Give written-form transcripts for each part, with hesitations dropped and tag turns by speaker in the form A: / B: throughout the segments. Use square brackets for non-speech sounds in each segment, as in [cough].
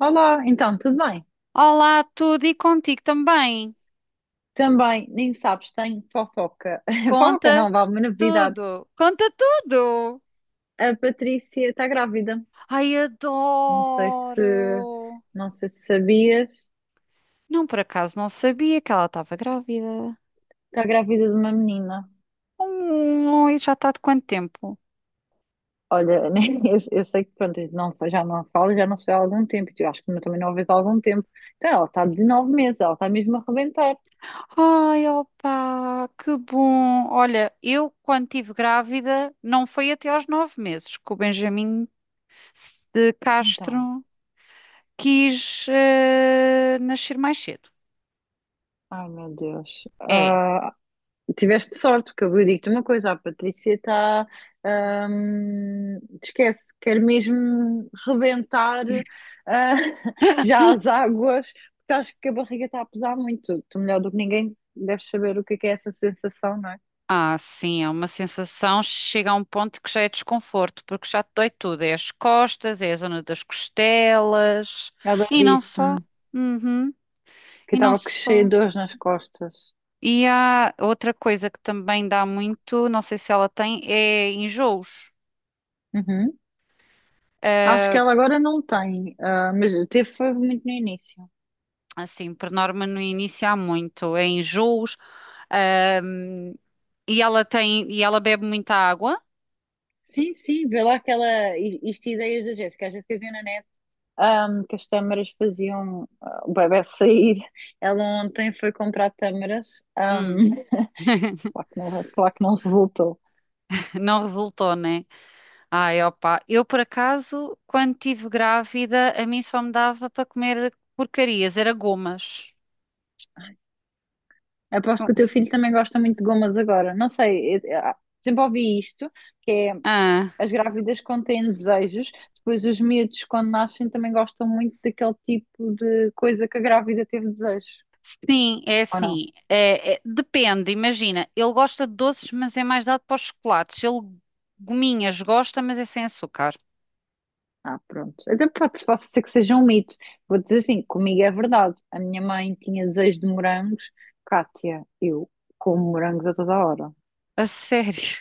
A: Olá, então tudo bem?
B: Olá, tudo e contigo também.
A: Também, nem sabes, tenho fofoca. [laughs] Fofoca
B: Conta
A: não, vá, uma novidade.
B: tudo. Conta tudo.
A: A Patrícia está grávida.
B: Ai,
A: Não sei se,
B: adoro.
A: não sei se sabias,
B: Não, por acaso não sabia que ela estava grávida.
A: está grávida de uma menina.
B: E já está de quanto tempo?
A: Olha, [laughs] eu sei que pronto, eu não, já não falo, já não sei há algum tempo. Eu acho que também não a vejo há algum tempo. Então, ela está de 9 meses, ela está mesmo a arrebentar.
B: Ai, opa, que bom. Olha, eu quando estive grávida não foi até aos 9 meses que o Benjamin de Castro
A: Então,
B: quis nascer mais cedo.
A: ai meu Deus.
B: É.
A: Tiveste sorte, porque eu digo-te uma coisa, a Patrícia está. Esquece, quer mesmo rebentar ah, [laughs] já as águas, porque acho que a barriga está a pesar muito. Tu, melhor do que ninguém, deves saber o que é essa sensação, não é?
B: Ah, sim, é uma sensação, chega a um ponto que já é desconforto, porque já te dói tudo, é as costas, é a zona das costelas,
A: Ela
B: e não só.
A: disse-me
B: Uhum.
A: que
B: E não
A: estava cheia
B: só.
A: de dores nas costas.
B: E há outra coisa que também dá muito, não sei se ela tem, é enjoos.
A: Uhum. Acho que ela agora não tem, ah, mas teve foi muito no início.
B: Ah, assim, por norma no início há muito, é enjoos, ah, e ela tem, e ela bebe muita água.
A: Sim, sim, vê lá aquela. Isto ideias da Jéssica. A Jéssica viu na net que as tâmaras faziam o bebé sair. Ela ontem foi comprar tâmaras, ahm,
B: Hum,
A: [laughs]
B: [laughs]
A: claro que não resultou.
B: não resultou, né? Ai, opa, eu por acaso, quando estive grávida, a mim só me dava para comer porcarias, era gomas.
A: Aposto que o teu filho também gosta muito de gomas agora. Não sei, sempre ouvi isto, que é
B: Ah,
A: as grávidas contêm desejos, depois os miúdos quando nascem também gostam muito daquele tipo de coisa que a grávida teve desejos,
B: sim, é
A: ou não?
B: assim. É- é- depende, imagina. Ele gosta de doces, mas é mais dado para os chocolates. Ele, Gominhas, gosta, mas é sem açúcar.
A: Ah, pronto. Até pode, pode ser que seja um mito. Vou dizer assim, comigo é verdade. A minha mãe tinha desejo de morangos. Cátia, eu como morangos a toda hora.
B: A sério.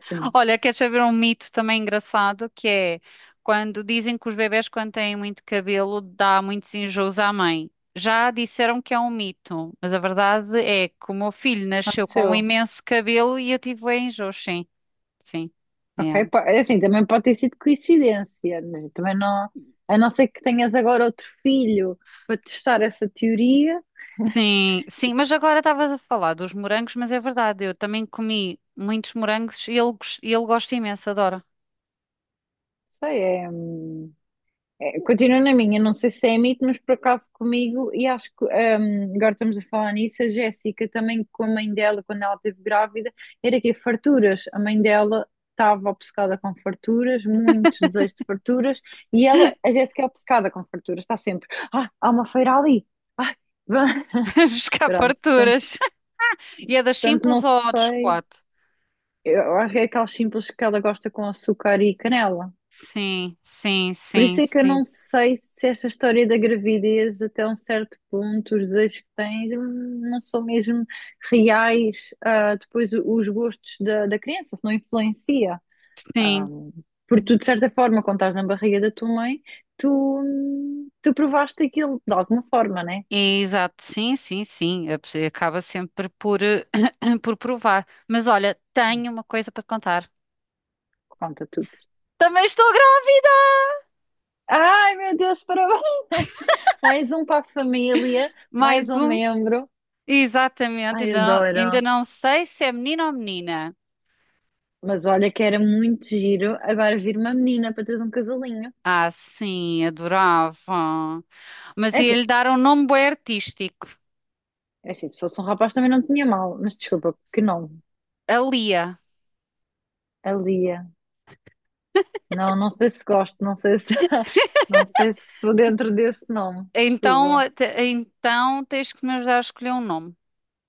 A: Sim,
B: Olha, quer saber um mito também engraçado, que é quando dizem que os bebés quando têm muito cabelo dá muitos enjoos à mãe. Já disseram que é um mito, mas a verdade é que o meu filho nasceu com um
A: aconteceu.
B: imenso cabelo e eu tive bué enjoos, sim, sim. É.
A: Ok, é assim, também pode ter sido coincidência, mas também não. A não ser que tenhas agora outro filho para testar essa teoria,
B: Sim, sim, mas agora estavas a falar dos morangos, mas é verdade, eu também comi muitos morangos e ele, e ele gosta imenso, adora.
A: sei, é. É, continua na minha, não sei se é mito, mas por acaso comigo, e acho que agora estamos a falar nisso, a Jéssica também, com a mãe dela, quando ela esteve grávida, era que farturas. A mãe dela estava obcecada com farturas, muitos desejos de farturas, e ela, a Jéssica é obcecada com farturas, está sempre, ah, há uma feira ali, ah, [laughs]
B: [laughs] Buscar
A: pronto, portanto,
B: farturas. [laughs] E é das
A: portanto, não
B: simples ou de
A: sei,
B: chocolate?
A: eu acho que é aquelas simples que ela gosta com açúcar e canela.
B: Sim, sim,
A: Por
B: sim,
A: isso é que eu
B: sim.
A: não sei se esta história da gravidez, até um certo ponto, os desejos que tens não são mesmo reais, depois os gostos da criança, se não influencia. Ah,
B: Sim.
A: porque tu, de certa forma, quando estás na barriga da tua mãe, tu, tu provaste aquilo de alguma forma, né?
B: Exato, sim, sim, sim. A pessoa acaba sempre por, [clears throat] por provar. Mas olha, tenho uma coisa para te contar.
A: Conta tudo.
B: Também estou grávida.
A: Ai, meu Deus, parabéns! [laughs] Mais um para a família, mais
B: Mais
A: um
B: um.
A: membro.
B: Exatamente.
A: Ai,
B: Ainda
A: adoro.
B: não sei se é menino ou menina.
A: Mas olha que era muito giro agora vir uma menina para teres um casalinho.
B: Ah, sim, adorava. Mas
A: É assim,
B: ia-lhe dar um nome bué artístico.
A: é assim, se fosse um rapaz também não tinha mal, mas desculpa, que nome?
B: A Lia.
A: A Lia. Não, não sei se gosto, não sei se [laughs] não sei se estou dentro desse nome.
B: Então,
A: Desculpa.
B: então tens que me ajudar a escolher um nome.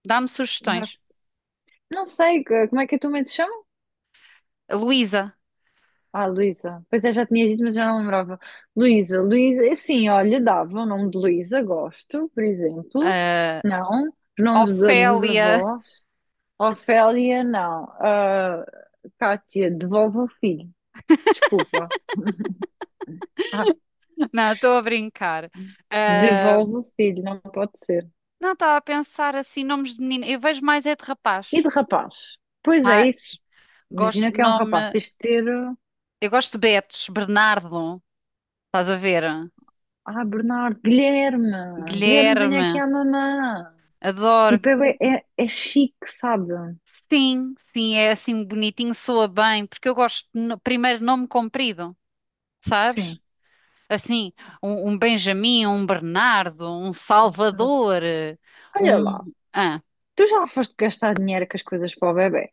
B: Dá-me
A: Não,
B: sugestões.
A: não sei, como é que a tua mãe se chama?
B: Luísa.
A: Ah, Luísa. Pois é, já tinha dito, mas já não lembrava. Luísa, sim, olha, dava o nome de Luísa, gosto, por exemplo.
B: ah,
A: Não, os nomes dos
B: Ofélia.
A: avós. Ofélia, não. Ah, Kátia, devolve o filho. Desculpa. Ah,
B: [laughs] Não, estou a brincar. Ah,
A: devolve o filho, não pode ser.
B: não, estava a pensar assim, nomes de menina. Eu vejo mais é de
A: E
B: rapaz.
A: de rapaz? Pois é,
B: Ah,
A: isso. Imagina
B: gosto de
A: que é um rapaz.
B: nome.
A: Tens de ter.
B: Eu gosto de Betos, Bernardo, estás a ver?
A: Ah, Bernardo, Guilherme. Guilherme, venha
B: Guilherme,
A: aqui à mamã.
B: adoro.
A: Tipo, é chique, sabe?
B: Sim, sim, é assim bonitinho, soa bem, porque eu gosto de primeiro nome comprido,
A: Sim.
B: sabes? Assim, um Benjamin, um Bernardo, um
A: Claro.
B: Salvador,
A: Olha lá.
B: um. Ah.
A: Tu já foste gastar dinheiro com as coisas para o bebê?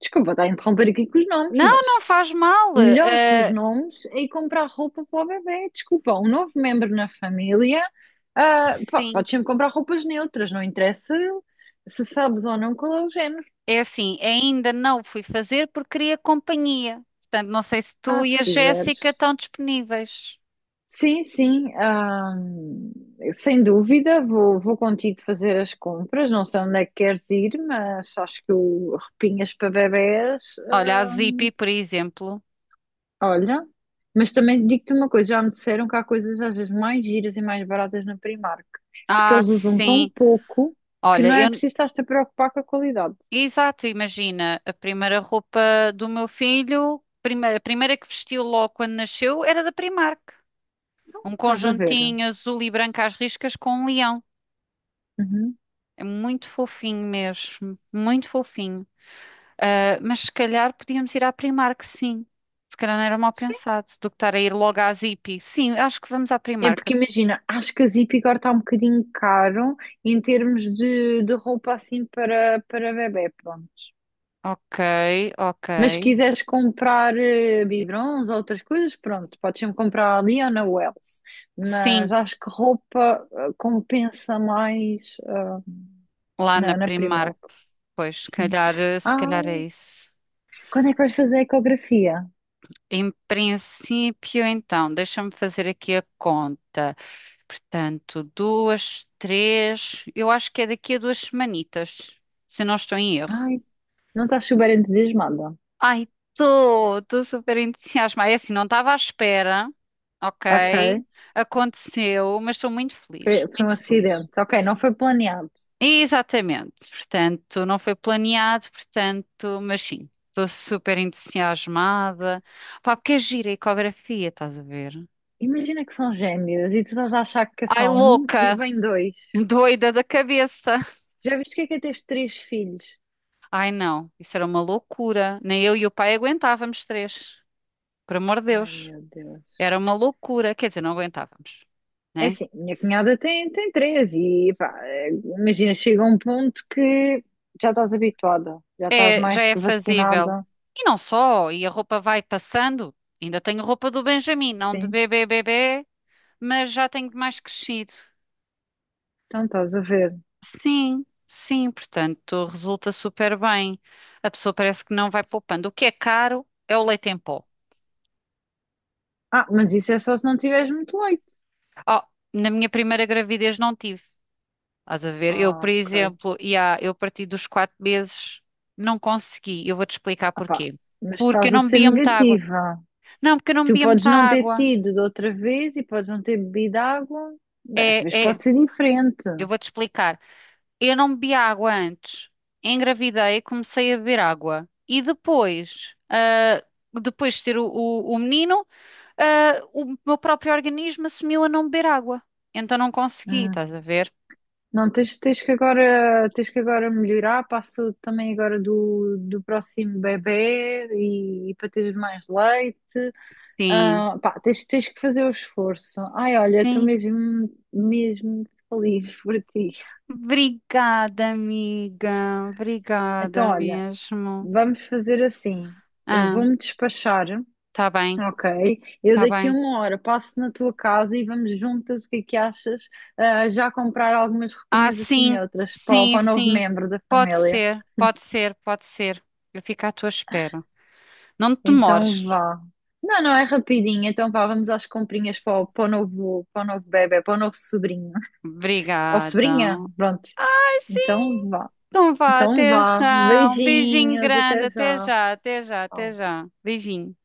A: Desculpa, está a interromper aqui com os nomes,
B: Não,
A: mas.
B: não faz mal.
A: Melhor que os nomes é ir comprar roupa para o bebê. Desculpa, um novo membro na família, ah, pá,
B: Sim.
A: podes sempre comprar roupas neutras, não interessa se sabes ou não qual é o género.
B: É assim, ainda não fui fazer porque queria companhia. Portanto, não sei se
A: Ah,
B: tu
A: se
B: e a Jéssica
A: quiseres.
B: estão disponíveis.
A: Sim, sim, ah, sem dúvida, vou contigo fazer as compras. Não sei onde é que queres ir, mas acho que o roupinhas para bebés
B: Olha, a
A: ah,
B: Zippy, por exemplo.
A: olha, mas também digo-te uma coisa, já me disseram que há coisas às vezes mais giras e mais baratas na Primark, porque
B: Ah,
A: eles usam tão
B: sim.
A: pouco que
B: Olha,
A: não é
B: eu...
A: preciso estar-te a preocupar com a qualidade.
B: Exato, imagina, a primeira roupa do meu filho, a primeira que vestiu logo quando nasceu, era da Primark. Um
A: Estás a ver?
B: conjuntinho azul e branco às riscas com um leão.
A: Uhum.
B: É muito fofinho mesmo, muito fofinho. Ah, mas se calhar podíamos ir à Primark, sim. Se calhar não era mal
A: Sim.
B: pensado do que estar a ir logo à Zippy. Sim, acho que vamos à
A: É
B: Primark.
A: porque imagina, acho que a Zip agora está um bocadinho caro em termos de roupa assim para bebé, pronto.
B: Ok, ok.
A: Mas se quiseres comprar biberons ou outras coisas, pronto, podes sempre comprar ali ou na Wells. Mas
B: Sim,
A: acho que roupa compensa mais.
B: lá na
A: Na
B: Primark.
A: Primark,
B: Pois, se
A: sim.
B: calhar, se
A: Ah,
B: calhar é isso.
A: quando é que vais fazer a ecografia?
B: Em princípio, então, deixa-me fazer aqui a conta. Portanto, duas, três. Eu acho que é daqui a 2 semanitas, se eu não estou em erro.
A: Ai, não estás super entusiasmada.
B: Ai, estou, estou super entusiasmada. É assim, não estava à espera, ok?
A: Ok,
B: Aconteceu, mas estou muito feliz,
A: foi um
B: muito feliz.
A: acidente. Ok, não foi planeado.
B: Exatamente, portanto, não foi planeado, portanto, mas sim, estou super entusiasmada. Pá, porque é gira a ecografia, estás a ver?
A: Imagina que são gêmeos e tu estás a achar que é
B: Ai,
A: só um e
B: louca,
A: vem dois.
B: [laughs] doida da cabeça.
A: Já viste o que é teres três filhos?
B: Ai, não, isso era uma loucura. Nem eu e o pai aguentávamos três, por amor de
A: Ai,
B: Deus.
A: meu Deus.
B: Era uma loucura, quer dizer, não aguentávamos,
A: É
B: né?
A: assim, minha cunhada tem três e pá, imagina, chega um ponto que já estás habituada, já estás
B: É, já
A: mais
B: é
A: que
B: fazível.
A: vacinada.
B: E não só, e a roupa vai passando. Ainda tenho roupa do Benjamin, não de
A: Sim,
B: bebê bebê, mas já tenho mais crescido.
A: então estás a ver.
B: Sim, sim, portanto, resulta super bem. A pessoa parece que não vai poupando. O que é caro é o leite em pó.
A: Ah, mas isso é só se não tiveres muito leite.
B: Oh, na minha primeira gravidez não tive. Estás a ver? Eu, por
A: Ah, ok.
B: exemplo, ia, eu parti dos 4 meses, não consegui. Eu vou-te explicar
A: Ah, pá,
B: porquê.
A: mas
B: Porque eu
A: estás a
B: não
A: ser
B: bebia muita água.
A: negativa.
B: Não, porque eu não
A: Tu
B: bebia
A: podes
B: muita
A: não ter
B: água.
A: tido de outra vez e podes não ter bebido água. Desta
B: É,
A: vez
B: é,
A: pode ser diferente.
B: eu vou-te explicar. Eu não bebi água antes. Engravidei, comecei a beber água. E depois, depois de ter o, o menino, o meu próprio organismo assumiu a não beber água. Então não consegui,
A: Hum.
B: estás a ver?
A: Não, tens que agora melhorar para a saúde também agora do próximo bebê e para teres mais leite.
B: Sim,
A: Ah, pá, tens que fazer o esforço. Ai, olha, estou
B: sim.
A: mesmo, mesmo feliz [laughs] por ti.
B: Obrigada, amiga.
A: Então,
B: Obrigada
A: olha.
B: mesmo.
A: Vamos fazer assim. Eu
B: Ah,
A: vou-me despachar,
B: tá bem,
A: ok? Eu
B: tá
A: daqui a
B: bem.
A: uma hora passo na tua casa e vamos juntas, o que é que achas? Ah, já comprar algumas
B: Ah,
A: roupinhas assim
B: sim,
A: neutras para,
B: sim,
A: para o novo
B: sim.
A: membro da
B: Pode
A: família.
B: ser, pode ser, pode ser. Eu fico à tua espera. Não te
A: Então
B: demores.
A: vá. Não, não, é rapidinho. Então vá, vamos às comprinhas para o, para o novo bebé, para o novo sobrinho. Ou
B: Obrigada.
A: sobrinha, pronto.
B: Ai, sim,
A: Então vá.
B: então vá,
A: Então
B: até
A: vá.
B: já. Um beijinho
A: Beijinhos,
B: grande,
A: até
B: até
A: já.
B: já, até já, até
A: Tchau.
B: já. Beijinho.